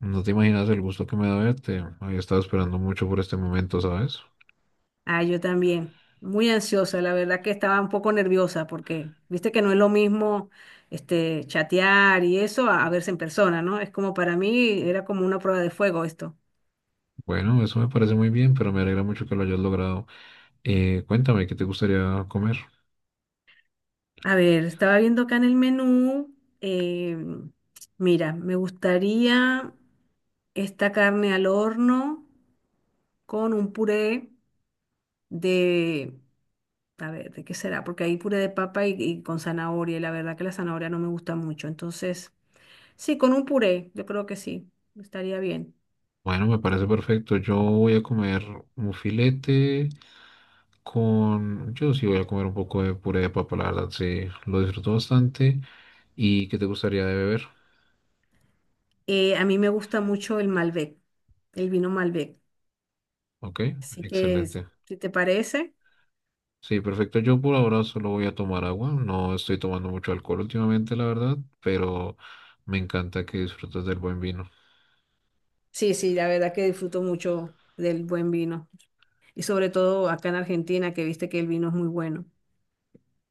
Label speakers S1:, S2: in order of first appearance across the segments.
S1: No te imaginas el gusto que me da verte. Había estado esperando mucho por este momento, ¿sabes?
S2: Ah, yo también. Muy ansiosa, la verdad que estaba un poco nerviosa porque viste que no es lo mismo este chatear y eso a verse en persona, ¿no? Es como para mí era como una prueba de fuego esto.
S1: Bueno, eso me parece muy bien, pero me alegra mucho que lo hayas logrado. Cuéntame, ¿qué te gustaría comer?
S2: A ver, estaba viendo acá en el menú. eh, Mira, me gustaría esta carne al horno con un puré de, a ver, ¿de qué será? Porque hay puré de papa y con zanahoria y la verdad que la zanahoria no me gusta mucho, entonces. Sí, con un puré, yo creo que sí, estaría bien.
S1: Bueno, me parece perfecto. Yo voy a comer un filete con... Yo sí voy a comer un poco de puré de papa, la verdad, sí. Lo disfruto bastante. ¿Y qué te gustaría de beber?
S2: A mí me gusta mucho el Malbec, el vino Malbec.
S1: Ok,
S2: Así que,
S1: excelente.
S2: si te parece,
S1: Sí, perfecto. Yo por ahora solo voy a tomar agua. No estoy tomando mucho alcohol últimamente, la verdad, pero me encanta que disfrutes del buen vino.
S2: sí, sí, la verdad que disfruto mucho del buen vino. Y sobre todo acá en Argentina, que viste que el vino es muy bueno.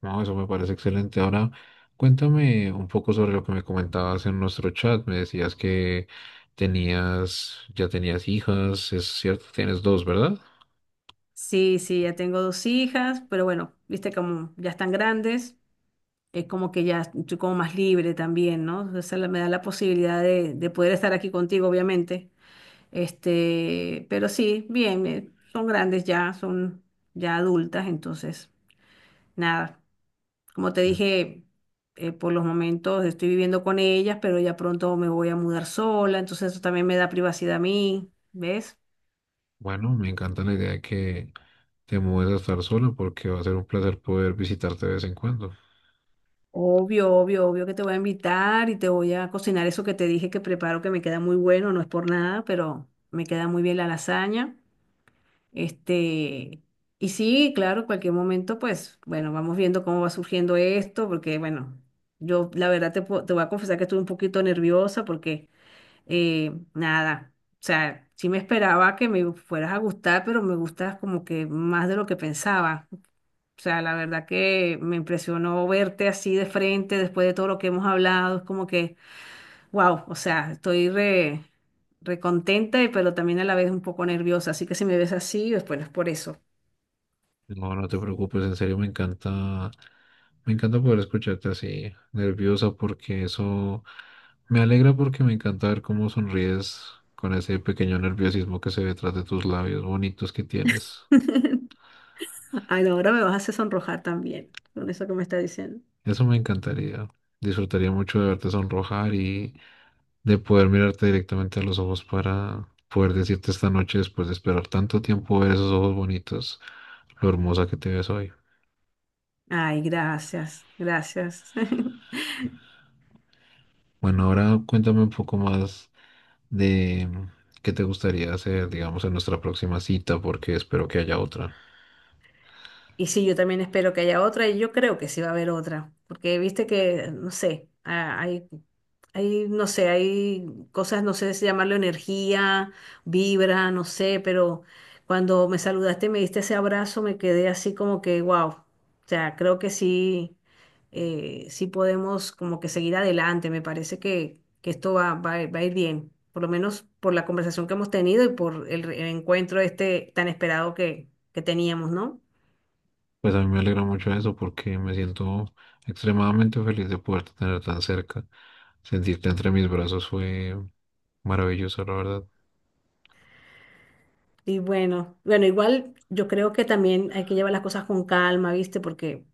S1: No, eso me parece excelente. Ahora, cuéntame un poco sobre lo que me comentabas en nuestro chat. Me decías que ya tenías hijas, es cierto, tienes dos, ¿verdad?
S2: Sí, sí, ya tengo dos hijas, pero bueno, viste como ya están grandes, es como que ya estoy como más libre también, ¿no? O sea, me da la posibilidad de poder estar aquí contigo, obviamente. Este, pero sí, bien, son grandes ya, son ya adultas, entonces, nada, como te
S1: Mm.
S2: dije, por los momentos estoy viviendo con ellas, pero ya pronto me voy a mudar sola, entonces eso también me da privacidad a mí, ¿ves?
S1: Bueno, me encanta la idea de que te mudes a estar sola porque va a ser un placer poder visitarte de vez en cuando.
S2: Obvio, obvio, obvio que te voy a invitar y te voy a cocinar eso que te dije que preparo, que me queda muy bueno, no es por nada, pero me queda muy bien la lasaña. Este, y sí, claro, cualquier momento, pues, bueno, vamos viendo cómo va surgiendo esto, porque, bueno, yo la verdad te, te voy a confesar que estuve un poquito nerviosa porque, nada, o sea, sí me esperaba que me fueras a gustar, pero me gustas como que más de lo que pensaba. O sea, la verdad que me impresionó verte así de frente después de todo lo que hemos hablado, es como que, wow, o sea, estoy recontenta, pero también a la vez un poco nerviosa, así que si me ves así, pues bueno, es por eso.
S1: No, no te preocupes, en serio me encanta poder escucharte así, nerviosa, porque eso me alegra porque me encanta ver cómo sonríes con ese pequeño nerviosismo que se ve detrás de tus labios bonitos que tienes.
S2: Ay, no, ahora me vas a hacer sonrojar también con eso que me está diciendo.
S1: Eso me encantaría. Disfrutaría mucho de verte sonrojar y de poder mirarte directamente a los ojos para poder decirte esta noche, después de esperar tanto tiempo ver esos ojos bonitos, lo hermosa que te ves hoy.
S2: Ay, gracias, gracias.
S1: Bueno, ahora cuéntame un poco más de qué te gustaría hacer, digamos, en nuestra próxima cita, porque espero que haya otra.
S2: Y sí, yo también espero que haya otra y yo creo que sí va a haber otra, porque viste que, no sé, ah, no sé, hay cosas, no sé si llamarlo energía, vibra, no sé, pero cuando me saludaste, me diste ese abrazo, me quedé así como que, wow, o sea, creo que sí, sí podemos como que seguir adelante, me parece que esto va a ir va a ir bien, por lo menos por la conversación que hemos tenido y por el encuentro este tan esperado que teníamos, ¿no?
S1: Pues a mí me alegra mucho eso porque me siento extremadamente feliz de poderte tener tan cerca. Sentirte entre mis brazos fue maravilloso, la verdad.
S2: Y bueno, bueno, igual yo creo que también hay que llevar las cosas con calma, ¿viste? Porque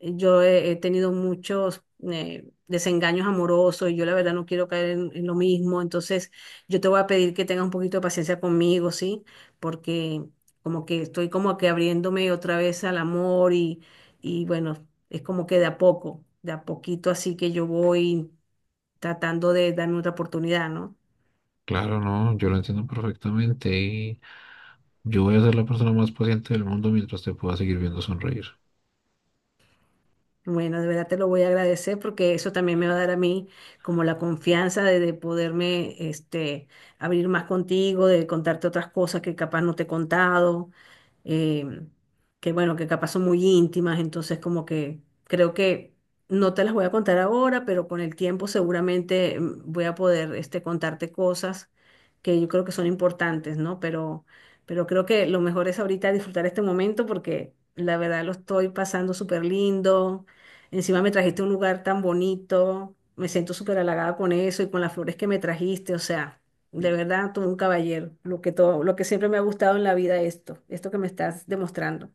S2: yo he tenido muchos desengaños amorosos y yo la verdad no quiero caer en lo mismo. Entonces, yo te voy a pedir que tengas un poquito de paciencia conmigo, ¿sí? Porque como que estoy como que abriéndome otra vez al amor y bueno, es como que de a poco, de a poquito así que yo voy tratando de darme otra oportunidad, ¿no?
S1: Claro, no, yo lo entiendo perfectamente y yo voy a ser la persona más paciente del mundo mientras te pueda seguir viendo sonreír.
S2: Bueno, de verdad te lo voy a agradecer porque eso también me va a dar a mí como la confianza de poderme este, abrir más contigo, de contarte otras cosas que capaz no te he contado, eh, que bueno, que capaz son muy íntimas, entonces como que creo que no te las voy a contar ahora, pero con el tiempo seguramente voy a poder este, contarte cosas que yo creo que son importantes, ¿no? Pero creo que lo mejor es ahorita disfrutar este momento porque la verdad lo estoy pasando súper lindo. Encima me trajiste a un lugar tan bonito, me siento súper halagada con eso y con las flores que me trajiste, o sea, de verdad, tú un caballero, lo que todo, lo que siempre me ha gustado en la vida esto, esto que me estás demostrando.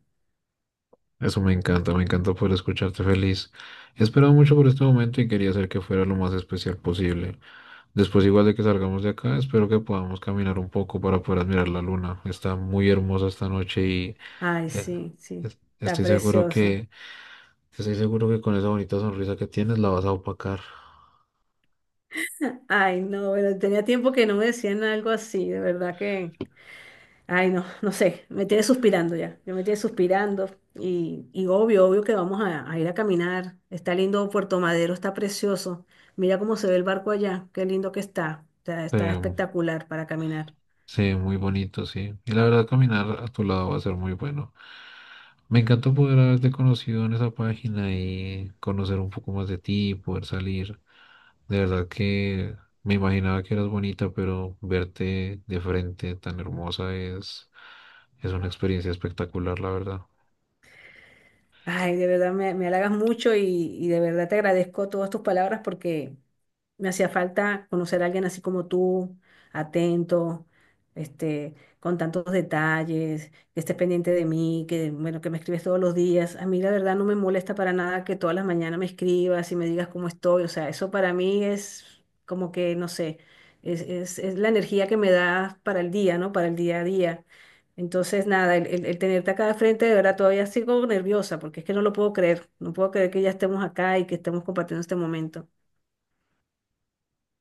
S1: Eso me encanta poder escucharte feliz. He esperado mucho por este momento y quería hacer que fuera lo más especial posible. Después, igual de que salgamos de acá, espero que podamos caminar un poco para poder admirar la luna. Está muy hermosa esta noche y
S2: Ay,
S1: eh,
S2: sí, sí,
S1: es-
S2: está
S1: estoy seguro
S2: precioso.
S1: que estoy seguro que con esa bonita sonrisa que tienes la vas a opacar.
S2: Ay, no, bueno, tenía tiempo que no me decían algo así, de verdad que ay, no, no sé, me tiene suspirando ya, yo me tiene suspirando y obvio, obvio que vamos a ir a caminar. Está lindo Puerto Madero, está precioso. Mira cómo se ve el barco allá, qué lindo que está, está
S1: Eh,
S2: espectacular para caminar.
S1: sí, muy bonito, sí. Y la verdad, caminar a tu lado va a ser muy bueno. Me encantó poder haberte conocido en esa página y conocer un poco más de ti, poder salir. De verdad que me imaginaba que eras bonita, pero verte de frente tan hermosa es una experiencia espectacular, la verdad.
S2: Ay, de verdad me, me halagas mucho y de verdad te agradezco todas tus palabras porque me hacía falta conocer a alguien así como tú, atento, este, con tantos detalles, que estés pendiente de mí, que bueno, que me escribes todos los días. A mí la verdad no me molesta para nada que todas las mañanas me escribas y me digas cómo estoy. O sea, eso para mí es como que, no sé, es la energía que me das para el día, ¿no? Para el día a día. Entonces, nada, el tenerte acá de frente, de verdad, todavía sigo nerviosa porque es que no lo puedo creer. No puedo creer que ya estemos acá y que estemos compartiendo este momento.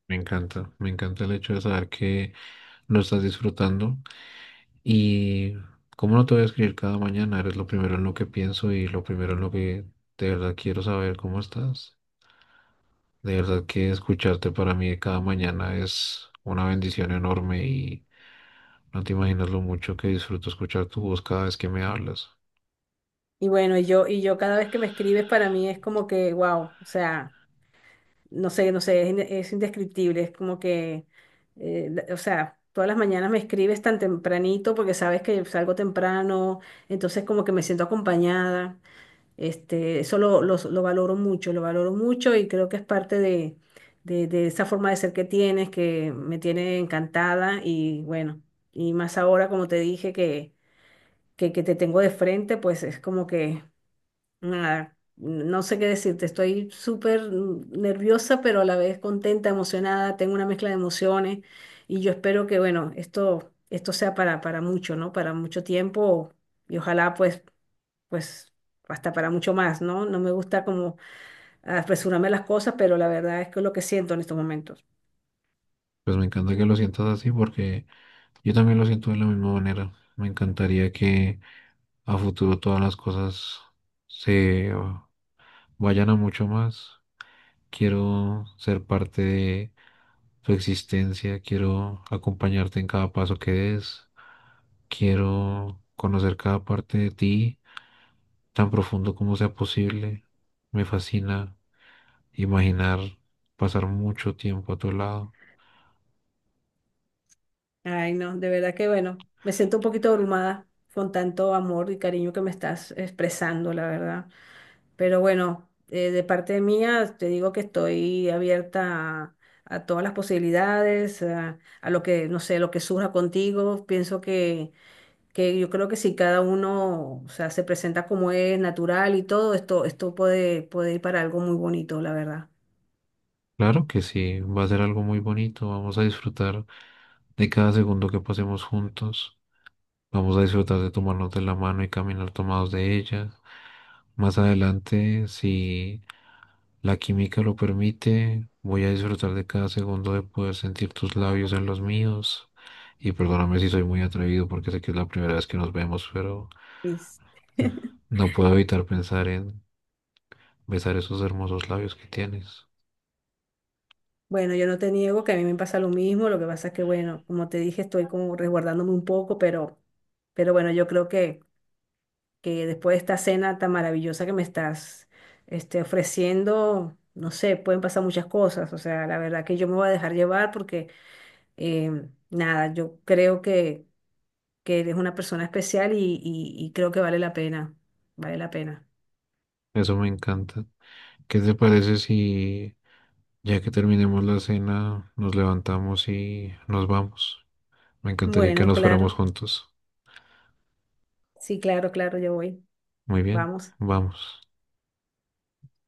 S1: Me encanta el hecho de saber que lo estás disfrutando y cómo no te voy a escribir cada mañana, eres lo primero en lo que pienso y lo primero en lo que de verdad quiero saber cómo estás. De verdad que escucharte para mí cada mañana es una bendición enorme y no te imaginas lo mucho que disfruto escuchar tu voz cada vez que me hablas.
S2: Y bueno, y yo cada vez que me escribes para mí es como que, wow, o sea, no sé, es, es indescriptible, es como que, o sea, todas las mañanas me escribes tan tempranito porque sabes que salgo temprano, entonces como que me siento acompañada. Este, eso lo valoro mucho y creo que es parte de, de esa forma de ser que tienes, que me tiene encantada y bueno, y más ahora, como te dije, que te tengo de frente, pues es como que, nada, no sé qué decirte, estoy súper nerviosa, pero a la vez contenta, emocionada, tengo una mezcla de emociones y yo espero que, bueno, esto sea para mucho, ¿no? Para mucho tiempo y ojalá pues hasta para mucho más, ¿no? No me gusta como apresurarme las cosas, pero la verdad es que es lo que siento en estos momentos.
S1: Pues me encanta que lo sientas así porque yo también lo siento de la misma manera. Me encantaría que a futuro todas las cosas se vayan a mucho más. Quiero ser parte de tu existencia, quiero acompañarte en cada paso que des, quiero conocer cada parte de ti tan profundo como sea posible. Me fascina imaginar pasar mucho tiempo a tu lado.
S2: Ay, no, de verdad que bueno, me siento un poquito abrumada con tanto amor y cariño que me estás expresando, la verdad. Pero bueno, de parte mía te digo que estoy abierta a todas las posibilidades, a lo que, no sé, lo que surja contigo. Pienso que yo creo que si cada uno, o sea, se presenta como es, natural y todo, esto puede, puede ir para algo muy bonito, la verdad.
S1: Claro que sí, va a ser algo muy bonito, vamos a disfrutar de cada segundo que pasemos juntos, vamos a disfrutar de tomarnos de la mano y caminar tomados de ella. Más adelante, si la química lo permite, voy a disfrutar de cada segundo de poder sentir tus labios en los míos. Y perdóname si soy muy atrevido porque sé que es la primera vez que nos vemos, pero
S2: Es-
S1: no puedo evitar pensar en besar esos hermosos labios que tienes.
S2: Bueno, yo no te niego que a mí me pasa lo mismo, lo que pasa es que, bueno, como te dije, estoy como resguardándome un poco, pero bueno, yo creo que después de esta cena tan maravillosa que me estás este, ofreciendo, no sé, pueden pasar muchas cosas, o sea, la verdad que yo me voy a dejar llevar porque, nada, yo creo que eres una persona especial y, y creo que vale la pena, vale la pena.
S1: Eso me encanta. ¿Qué te parece si, ya que terminemos la cena, nos levantamos y nos vamos? Me encantaría que
S2: Bueno,
S1: nos fuéramos
S2: claro,
S1: juntos.
S2: sí, claro, claro, yo voy,
S1: Muy bien,
S2: vamos.
S1: vamos.